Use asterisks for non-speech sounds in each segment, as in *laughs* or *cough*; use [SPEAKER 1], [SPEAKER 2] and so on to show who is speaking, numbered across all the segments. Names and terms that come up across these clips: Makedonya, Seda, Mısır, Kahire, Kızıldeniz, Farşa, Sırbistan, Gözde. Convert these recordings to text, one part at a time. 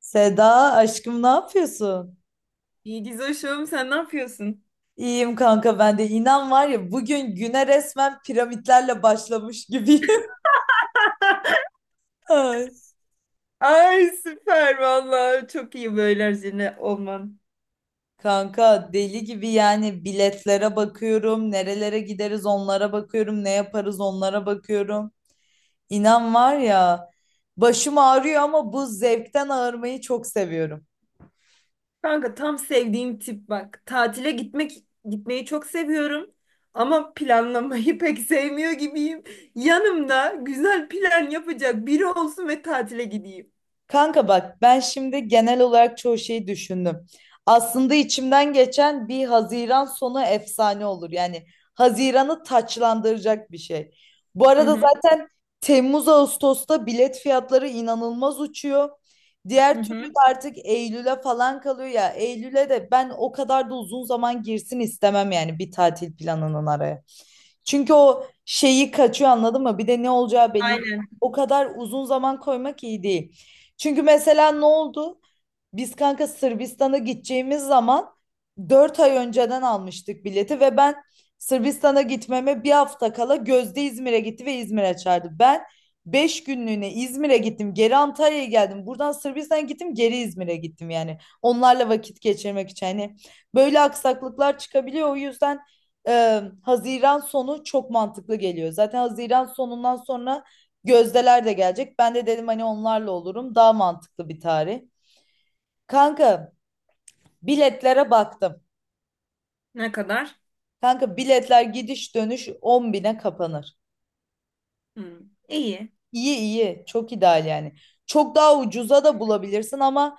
[SPEAKER 1] Seda aşkım ne yapıyorsun?
[SPEAKER 2] İyi Gizoş'um sen ne yapıyorsun?
[SPEAKER 1] İyiyim kanka ben de inan var ya bugün güne resmen piramitlerle başlamış gibiyim. *laughs* Ay.
[SPEAKER 2] Ay süper vallahi çok iyi böyle Erzine olman.
[SPEAKER 1] Kanka deli gibi yani biletlere bakıyorum, nerelere gideriz onlara bakıyorum, ne yaparız onlara bakıyorum. İnan var ya başım ağrıyor ama bu zevkten ağırmayı çok seviyorum.
[SPEAKER 2] Kanka tam sevdiğim tip bak. Tatile gitmek gitmeyi çok seviyorum ama planlamayı *laughs* pek sevmiyor gibiyim. Yanımda güzel plan yapacak biri olsun ve tatile gideyim.
[SPEAKER 1] Kanka bak ben şimdi genel olarak çoğu şeyi düşündüm. Aslında içimden geçen bir Haziran sonu efsane olur. Yani Haziran'ı taçlandıracak bir şey. Bu
[SPEAKER 2] Hı
[SPEAKER 1] arada
[SPEAKER 2] hı.
[SPEAKER 1] zaten Temmuz Ağustos'ta bilet fiyatları inanılmaz uçuyor.
[SPEAKER 2] Hı
[SPEAKER 1] Diğer türlü
[SPEAKER 2] hı.
[SPEAKER 1] de artık Eylül'e falan kalıyor ya. Eylül'e de ben o kadar da uzun zaman girsin istemem yani bir tatil planının araya. Çünkü o şeyi kaçıyor anladın mı? Bir de ne olacağı belli değil.
[SPEAKER 2] Aynen.
[SPEAKER 1] O kadar uzun zaman koymak iyi değil. Çünkü mesela ne oldu? Biz kanka Sırbistan'a gideceğimiz zaman 4 ay önceden almıştık bileti ve ben Sırbistan'a gitmeme bir hafta kala Gözde İzmir'e gitti ve İzmir'e çağırdı. Ben 5 günlüğüne İzmir'e gittim, geri Antalya'ya geldim. Buradan Sırbistan'a gittim, geri İzmir'e gittim yani. Onlarla vakit geçirmek için. Hani böyle aksaklıklar çıkabiliyor. O yüzden Haziran sonu çok mantıklı geliyor. Zaten Haziran sonundan sonra Gözdeler de gelecek. Ben de dedim hani onlarla olurum. Daha mantıklı bir tarih. Kanka biletlere baktım.
[SPEAKER 2] Ne kadar?
[SPEAKER 1] Kanka biletler gidiş dönüş 10 bine kapanır.
[SPEAKER 2] Hı. İyi.
[SPEAKER 1] İyi iyi çok ideal yani. Çok daha ucuza da bulabilirsin ama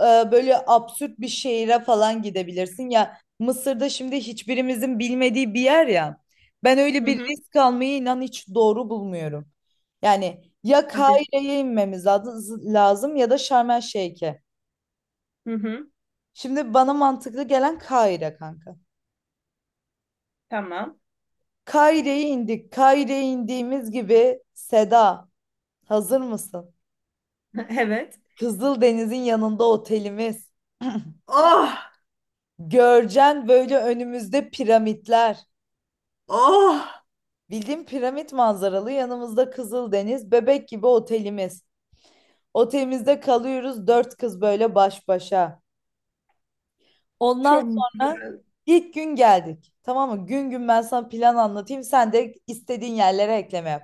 [SPEAKER 1] e, böyle absürt bir şehire falan gidebilirsin. Ya Mısır'da şimdi hiçbirimizin bilmediği bir yer ya. Ben öyle
[SPEAKER 2] Hı
[SPEAKER 1] bir
[SPEAKER 2] hı.
[SPEAKER 1] risk almayı inan hiç doğru bulmuyorum. Yani ya
[SPEAKER 2] Hadi.
[SPEAKER 1] Kahire'ye inmemiz lazım ya da Şarm El Şeyh'e.
[SPEAKER 2] Hı hı.
[SPEAKER 1] Şimdi bana mantıklı gelen Kahire kanka.
[SPEAKER 2] Tamam.
[SPEAKER 1] Kaire'ye indik. Kaire'ye indiğimiz gibi Seda, hazır mısın?
[SPEAKER 2] *laughs* Evet.
[SPEAKER 1] Kızıldeniz'in yanında otelimiz.
[SPEAKER 2] Oh!
[SPEAKER 1] Görcen böyle önümüzde piramitler.
[SPEAKER 2] Oh!
[SPEAKER 1] Bildiğin piramit manzaralı yanımızda Kızıldeniz, bebek gibi otelimiz. Otelimizde kalıyoruz dört kız böyle baş başa. Ondan
[SPEAKER 2] Çok
[SPEAKER 1] sonra
[SPEAKER 2] güzel.
[SPEAKER 1] ilk gün geldik. Tamam mı? Gün gün ben sana plan anlatayım. Sen de istediğin yerlere ekleme yap.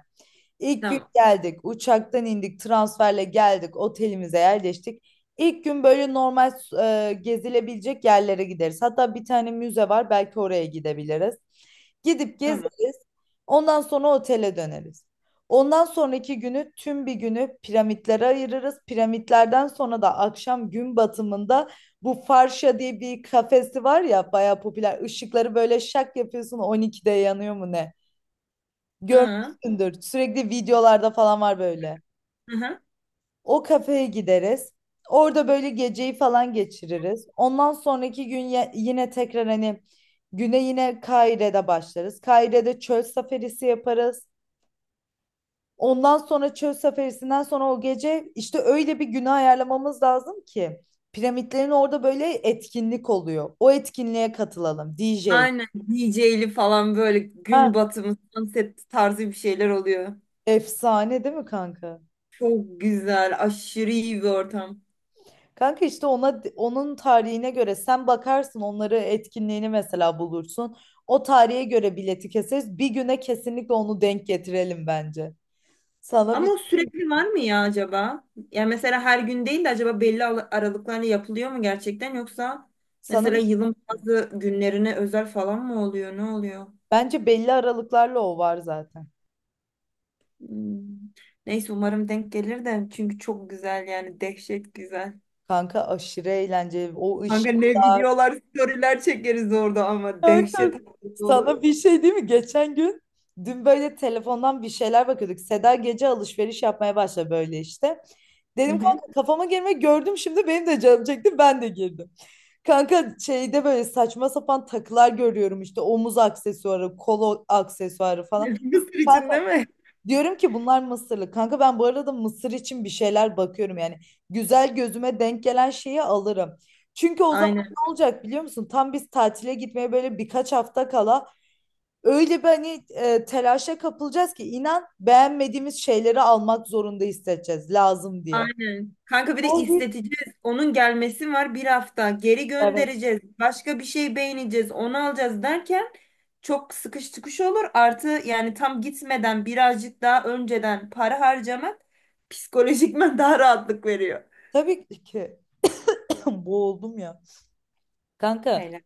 [SPEAKER 1] İlk gün
[SPEAKER 2] Tamam.
[SPEAKER 1] geldik. Uçaktan indik. Transferle geldik. Otelimize yerleştik. İlk gün böyle normal gezilebilecek yerlere gideriz. Hatta bir tane müze var. Belki oraya gidebiliriz. Gidip
[SPEAKER 2] Tamam.
[SPEAKER 1] gezeriz. Ondan sonra otele döneriz. Ondan sonraki günü tüm bir günü piramitlere ayırırız. Piramitlerden sonra da akşam gün batımında bu Farşa diye bir kafesi var ya bayağı popüler. Işıkları böyle şak yapıyorsun 12'de yanıyor mu ne?
[SPEAKER 2] Hı.
[SPEAKER 1] Görmüşsündür. Sürekli videolarda falan var böyle.
[SPEAKER 2] Hı hı.
[SPEAKER 1] O kafeye gideriz. Orada böyle geceyi falan geçiririz. Ondan sonraki gün yine tekrar hani güne yine Kaire'de başlarız. Kaire'de çöl safarisi yaparız. Ondan sonra çöl safarisinden sonra o gece işte öyle bir güne ayarlamamız lazım ki piramitlerin orada böyle etkinlik oluyor. O etkinliğe katılalım DJ.
[SPEAKER 2] Aynen DJ'li falan böyle gün
[SPEAKER 1] Ha,
[SPEAKER 2] batımı, sunset tarzı bir şeyler oluyor.
[SPEAKER 1] efsane değil mi kanka?
[SPEAKER 2] Çok güzel, aşırı iyi bir ortam.
[SPEAKER 1] Kanka işte ona onun tarihine göre sen bakarsın onları etkinliğini mesela bulursun. O tarihe göre bileti keseriz. Bir güne kesinlikle onu denk getirelim bence. Sana bir
[SPEAKER 2] Ama o
[SPEAKER 1] şey diyeyim
[SPEAKER 2] sürekli
[SPEAKER 1] mi?
[SPEAKER 2] var mı ya acaba? Yani mesela her gün değil de acaba belli aralıklarla yapılıyor mu gerçekten yoksa
[SPEAKER 1] sana bir
[SPEAKER 2] mesela
[SPEAKER 1] şey
[SPEAKER 2] yılın
[SPEAKER 1] diyeyim mi?
[SPEAKER 2] bazı günlerine özel falan mı oluyor? Ne oluyor?
[SPEAKER 1] Bence belli aralıklarla o var zaten.
[SPEAKER 2] Hmm. Neyse umarım denk gelir de çünkü çok güzel yani dehşet güzel.
[SPEAKER 1] Kanka aşırı eğlenceli. O
[SPEAKER 2] Kanka
[SPEAKER 1] ışık.
[SPEAKER 2] ne videolar, storyler çekeriz orada ama
[SPEAKER 1] Kanka,
[SPEAKER 2] dehşet olur.
[SPEAKER 1] sana bir şey değil mi? Geçen gün dün böyle telefondan bir şeyler bakıyorduk. Seda gece alışveriş yapmaya başladı böyle işte.
[SPEAKER 2] Hı
[SPEAKER 1] Dedim
[SPEAKER 2] hı.
[SPEAKER 1] kanka kafama girme gördüm şimdi benim de canım çekti ben de girdim. Kanka şeyde böyle saçma sapan takılar görüyorum işte omuz aksesuarı, kol aksesuarı falan.
[SPEAKER 2] *laughs* Mısır için değil
[SPEAKER 1] Kanka,
[SPEAKER 2] mi?
[SPEAKER 1] diyorum ki bunlar Mısırlı. Kanka ben bu arada Mısır için bir şeyler bakıyorum yani. Güzel gözüme denk gelen şeyi alırım. Çünkü o zaman
[SPEAKER 2] Aynen,
[SPEAKER 1] ne olacak biliyor musun? Tam biz tatile gitmeye böyle birkaç hafta kala öyle bir hani telaşa kapılacağız ki inan beğenmediğimiz şeyleri almak zorunda hissedeceğiz lazım diye.
[SPEAKER 2] aynen. kanka bir de
[SPEAKER 1] O bir
[SPEAKER 2] isteteceğiz. Onun gelmesi var bir hafta. Geri
[SPEAKER 1] Evet.
[SPEAKER 2] göndereceğiz. Başka bir şey beğeneceğiz. Onu alacağız derken çok sıkış tıkış olur. Artı yani tam gitmeden birazcık daha önceden para harcamak psikolojikmen daha rahatlık veriyor.
[SPEAKER 1] Tabii ki *clears throat* boğuldum ya. Kanka
[SPEAKER 2] Aynen.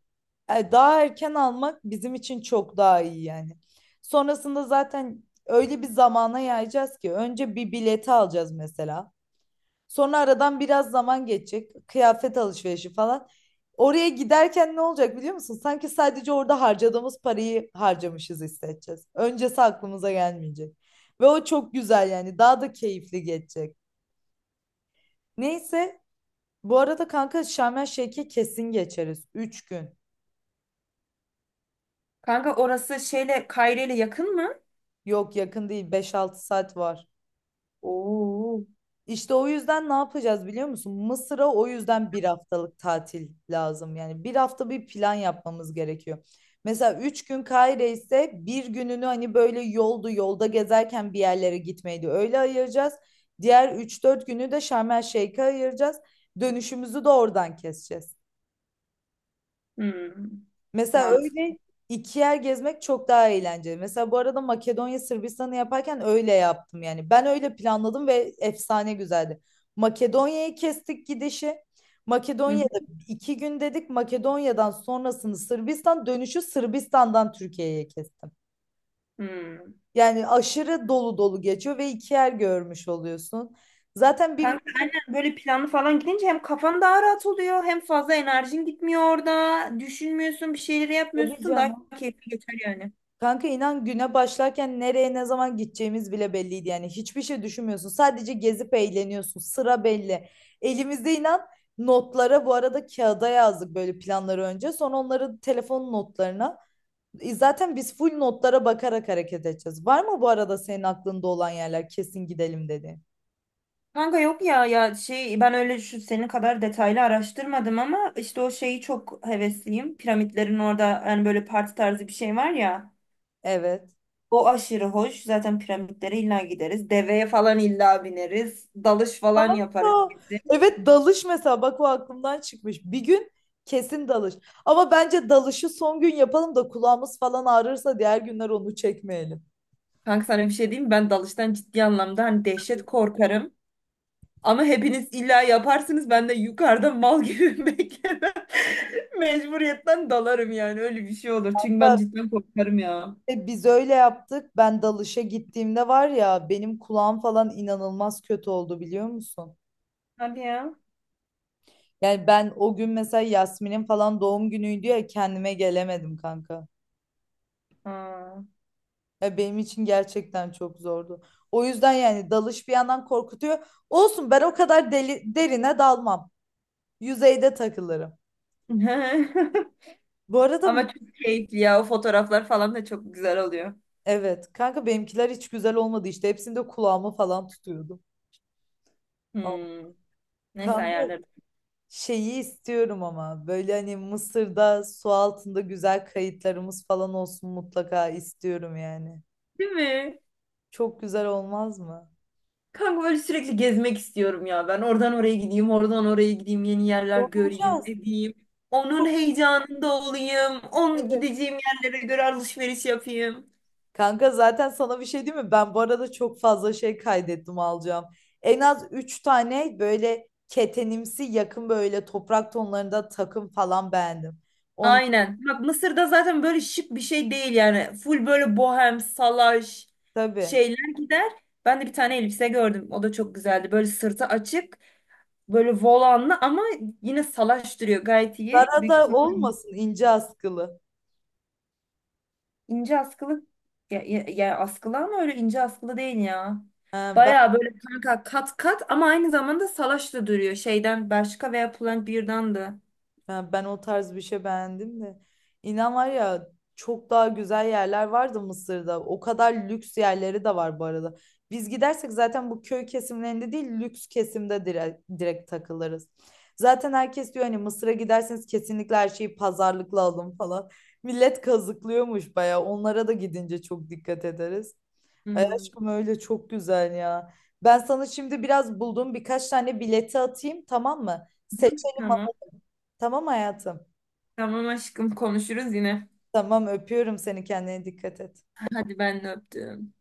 [SPEAKER 1] daha erken almak bizim için çok daha iyi yani. Sonrasında zaten öyle bir zamana yayacağız ki önce bir bileti alacağız mesela. Sonra aradan biraz zaman geçecek. Kıyafet alışverişi falan. Oraya giderken ne olacak biliyor musun? Sanki sadece orada harcadığımız parayı harcamışız hissedeceğiz. Öncesi aklımıza gelmeyecek. Ve o çok güzel yani. Daha da keyifli geçecek. Neyse. Bu arada kanka Şarm El Şeyh'e kesin geçeriz. 3 gün.
[SPEAKER 2] Kanka orası şeyle Kayre ile yakın mı?
[SPEAKER 1] Yok yakın değil. Beş altı saat var.
[SPEAKER 2] Oo.
[SPEAKER 1] İşte o yüzden ne yapacağız biliyor musun? Mısır'a o yüzden bir haftalık tatil lazım. Yani bir hafta bir plan yapmamız gerekiyor. Mesela üç gün Kahire ise bir gününü hani böyle yoldu yolda gezerken bir yerlere gitmeydi. Öyle ayıracağız. Diğer üç dört günü de Şarm El Şeyh'e ayıracağız. Dönüşümüzü de oradan keseceğiz.
[SPEAKER 2] Hmm.
[SPEAKER 1] Mesela
[SPEAKER 2] Mantıklı.
[SPEAKER 1] öyle iki yer gezmek çok daha eğlenceli. Mesela bu arada Makedonya Sırbistan'ı yaparken öyle yaptım yani. Ben öyle planladım ve efsane güzeldi. Makedonya'yı kestik gidişi.
[SPEAKER 2] Hı
[SPEAKER 1] Makedonya'da
[SPEAKER 2] hı.
[SPEAKER 1] iki gün dedik. Makedonya'dan sonrasını Sırbistan dönüşü Sırbistan'dan Türkiye'ye kestim.
[SPEAKER 2] Hmm.
[SPEAKER 1] Yani aşırı dolu dolu geçiyor ve iki yer görmüş oluyorsun. Zaten bir
[SPEAKER 2] Kanka aynen böyle planlı falan gidince hem kafan daha rahat oluyor hem fazla enerjin gitmiyor orada. Düşünmüyorsun bir şeyleri
[SPEAKER 1] tabii
[SPEAKER 2] yapmıyorsun daha
[SPEAKER 1] canım.
[SPEAKER 2] keyifli geçer yani.
[SPEAKER 1] Kanka inan güne başlarken nereye ne zaman gideceğimiz bile belliydi yani hiçbir şey düşünmüyorsun sadece gezip eğleniyorsun sıra belli elimizde inan notlara bu arada kağıda yazdık böyle planları önce sonra onları telefon notlarına. Zaten biz full notlara bakarak hareket edeceğiz var mı bu arada senin aklında olan yerler kesin gidelim dedi.
[SPEAKER 2] Kanka yok ya ya şey ben öyle şu senin kadar detaylı araştırmadım ama işte o şeyi çok hevesliyim. Piramitlerin orada yani böyle parti tarzı bir şey var ya.
[SPEAKER 1] Evet.
[SPEAKER 2] O aşırı hoş. Zaten piramitlere illa gideriz. Deveye falan illa bineriz. Dalış falan yaparız.
[SPEAKER 1] Aa,
[SPEAKER 2] Kesin.
[SPEAKER 1] evet dalış mesela bak o aklımdan çıkmış. Bir gün kesin dalış. Ama bence dalışı son gün yapalım da kulağımız falan ağrırsa diğer günler onu çekmeyelim.
[SPEAKER 2] Kanka sana bir şey diyeyim mi? Ben dalıştan ciddi anlamda hani dehşet korkarım. Ama hepiniz illa yaparsınız. Ben de yukarıda mal gibi *laughs* beklemem. Mecburiyetten dalarım yani. Öyle bir şey olur. Çünkü ben cidden korkarım ya.
[SPEAKER 1] Tabii biz öyle yaptık. Ben dalışa gittiğimde var ya benim kulağım falan inanılmaz kötü oldu biliyor musun?
[SPEAKER 2] Hadi ya.
[SPEAKER 1] Yani ben o gün mesela Yasmin'in falan doğum günüydü ya kendime gelemedim kanka.
[SPEAKER 2] Ha.
[SPEAKER 1] Ya benim için gerçekten çok zordu. O yüzden yani dalış bir yandan korkutuyor. Olsun ben o kadar deli, derine dalmam. Yüzeyde takılırım.
[SPEAKER 2] *laughs*
[SPEAKER 1] Bu arada m-
[SPEAKER 2] Ama çok keyifli ya. O fotoğraflar falan da çok güzel oluyor.
[SPEAKER 1] evet kanka benimkiler hiç güzel olmadı işte hepsinde kulağımı falan tutuyordum. Ama
[SPEAKER 2] Hmm. Neyse
[SPEAKER 1] kanka
[SPEAKER 2] ayarlarım.
[SPEAKER 1] şeyi istiyorum ama böyle hani Mısır'da su altında güzel kayıtlarımız falan olsun mutlaka istiyorum yani.
[SPEAKER 2] Değil mi?
[SPEAKER 1] Çok güzel olmaz mı?
[SPEAKER 2] Kanka böyle sürekli gezmek istiyorum ya. Ben oradan oraya gideyim, oradan oraya gideyim, yeni yerler göreyim,
[SPEAKER 1] Olacağız.
[SPEAKER 2] edeyim. Onun
[SPEAKER 1] Çok.
[SPEAKER 2] heyecanında olayım. Onun
[SPEAKER 1] Evet.
[SPEAKER 2] gideceğim yerlere göre alışveriş yapayım.
[SPEAKER 1] Kanka zaten sana bir şey diyeyim mi? Ben bu arada çok fazla şey kaydettim alacağım. En az 3 tane böyle ketenimsi yakın böyle toprak tonlarında takım falan beğendim.
[SPEAKER 2] Aynen. Bak Mısır'da zaten böyle şık bir şey değil yani. Full böyle bohem, salaş
[SPEAKER 1] Tabii.
[SPEAKER 2] şeyler gider. Ben de bir tane elbise gördüm. O da çok güzeldi. Böyle sırtı açık, böyle volanlı ama yine salaş duruyor. Gayet iyi.
[SPEAKER 1] Dara
[SPEAKER 2] Büyük
[SPEAKER 1] da
[SPEAKER 2] ihtimal
[SPEAKER 1] olmasın ince askılı.
[SPEAKER 2] ince askılı. Ya, askılı ama öyle ince askılı değil ya.
[SPEAKER 1] Ha, ben
[SPEAKER 2] Baya böyle kanka kat kat ama aynı zamanda salaş da duruyor. Şeyden Bershka veya Pull&Bear'dan da.
[SPEAKER 1] ha, ben o tarz bir şey beğendim de. İnan var ya çok daha güzel yerler vardı Mısır'da. O kadar lüks yerleri de var bu arada. Biz gidersek zaten bu köy kesimlerinde değil lüks kesimde direkt, direkt takılırız. Zaten herkes diyor hani Mısır'a giderseniz kesinlikle her şeyi pazarlıkla alın falan. Millet kazıklıyormuş bayağı. Onlara da gidince çok dikkat ederiz. Ay
[SPEAKER 2] Hmm.
[SPEAKER 1] aşkım öyle çok güzel ya. Ben sana şimdi biraz bulduğum birkaç tane bileti atayım tamam mı?
[SPEAKER 2] Hı,
[SPEAKER 1] Seçelim
[SPEAKER 2] tamam.
[SPEAKER 1] tamam hayatım.
[SPEAKER 2] Tamam aşkım konuşuruz yine.
[SPEAKER 1] Tamam öpüyorum seni kendine dikkat et.
[SPEAKER 2] Hadi ben de öptüm.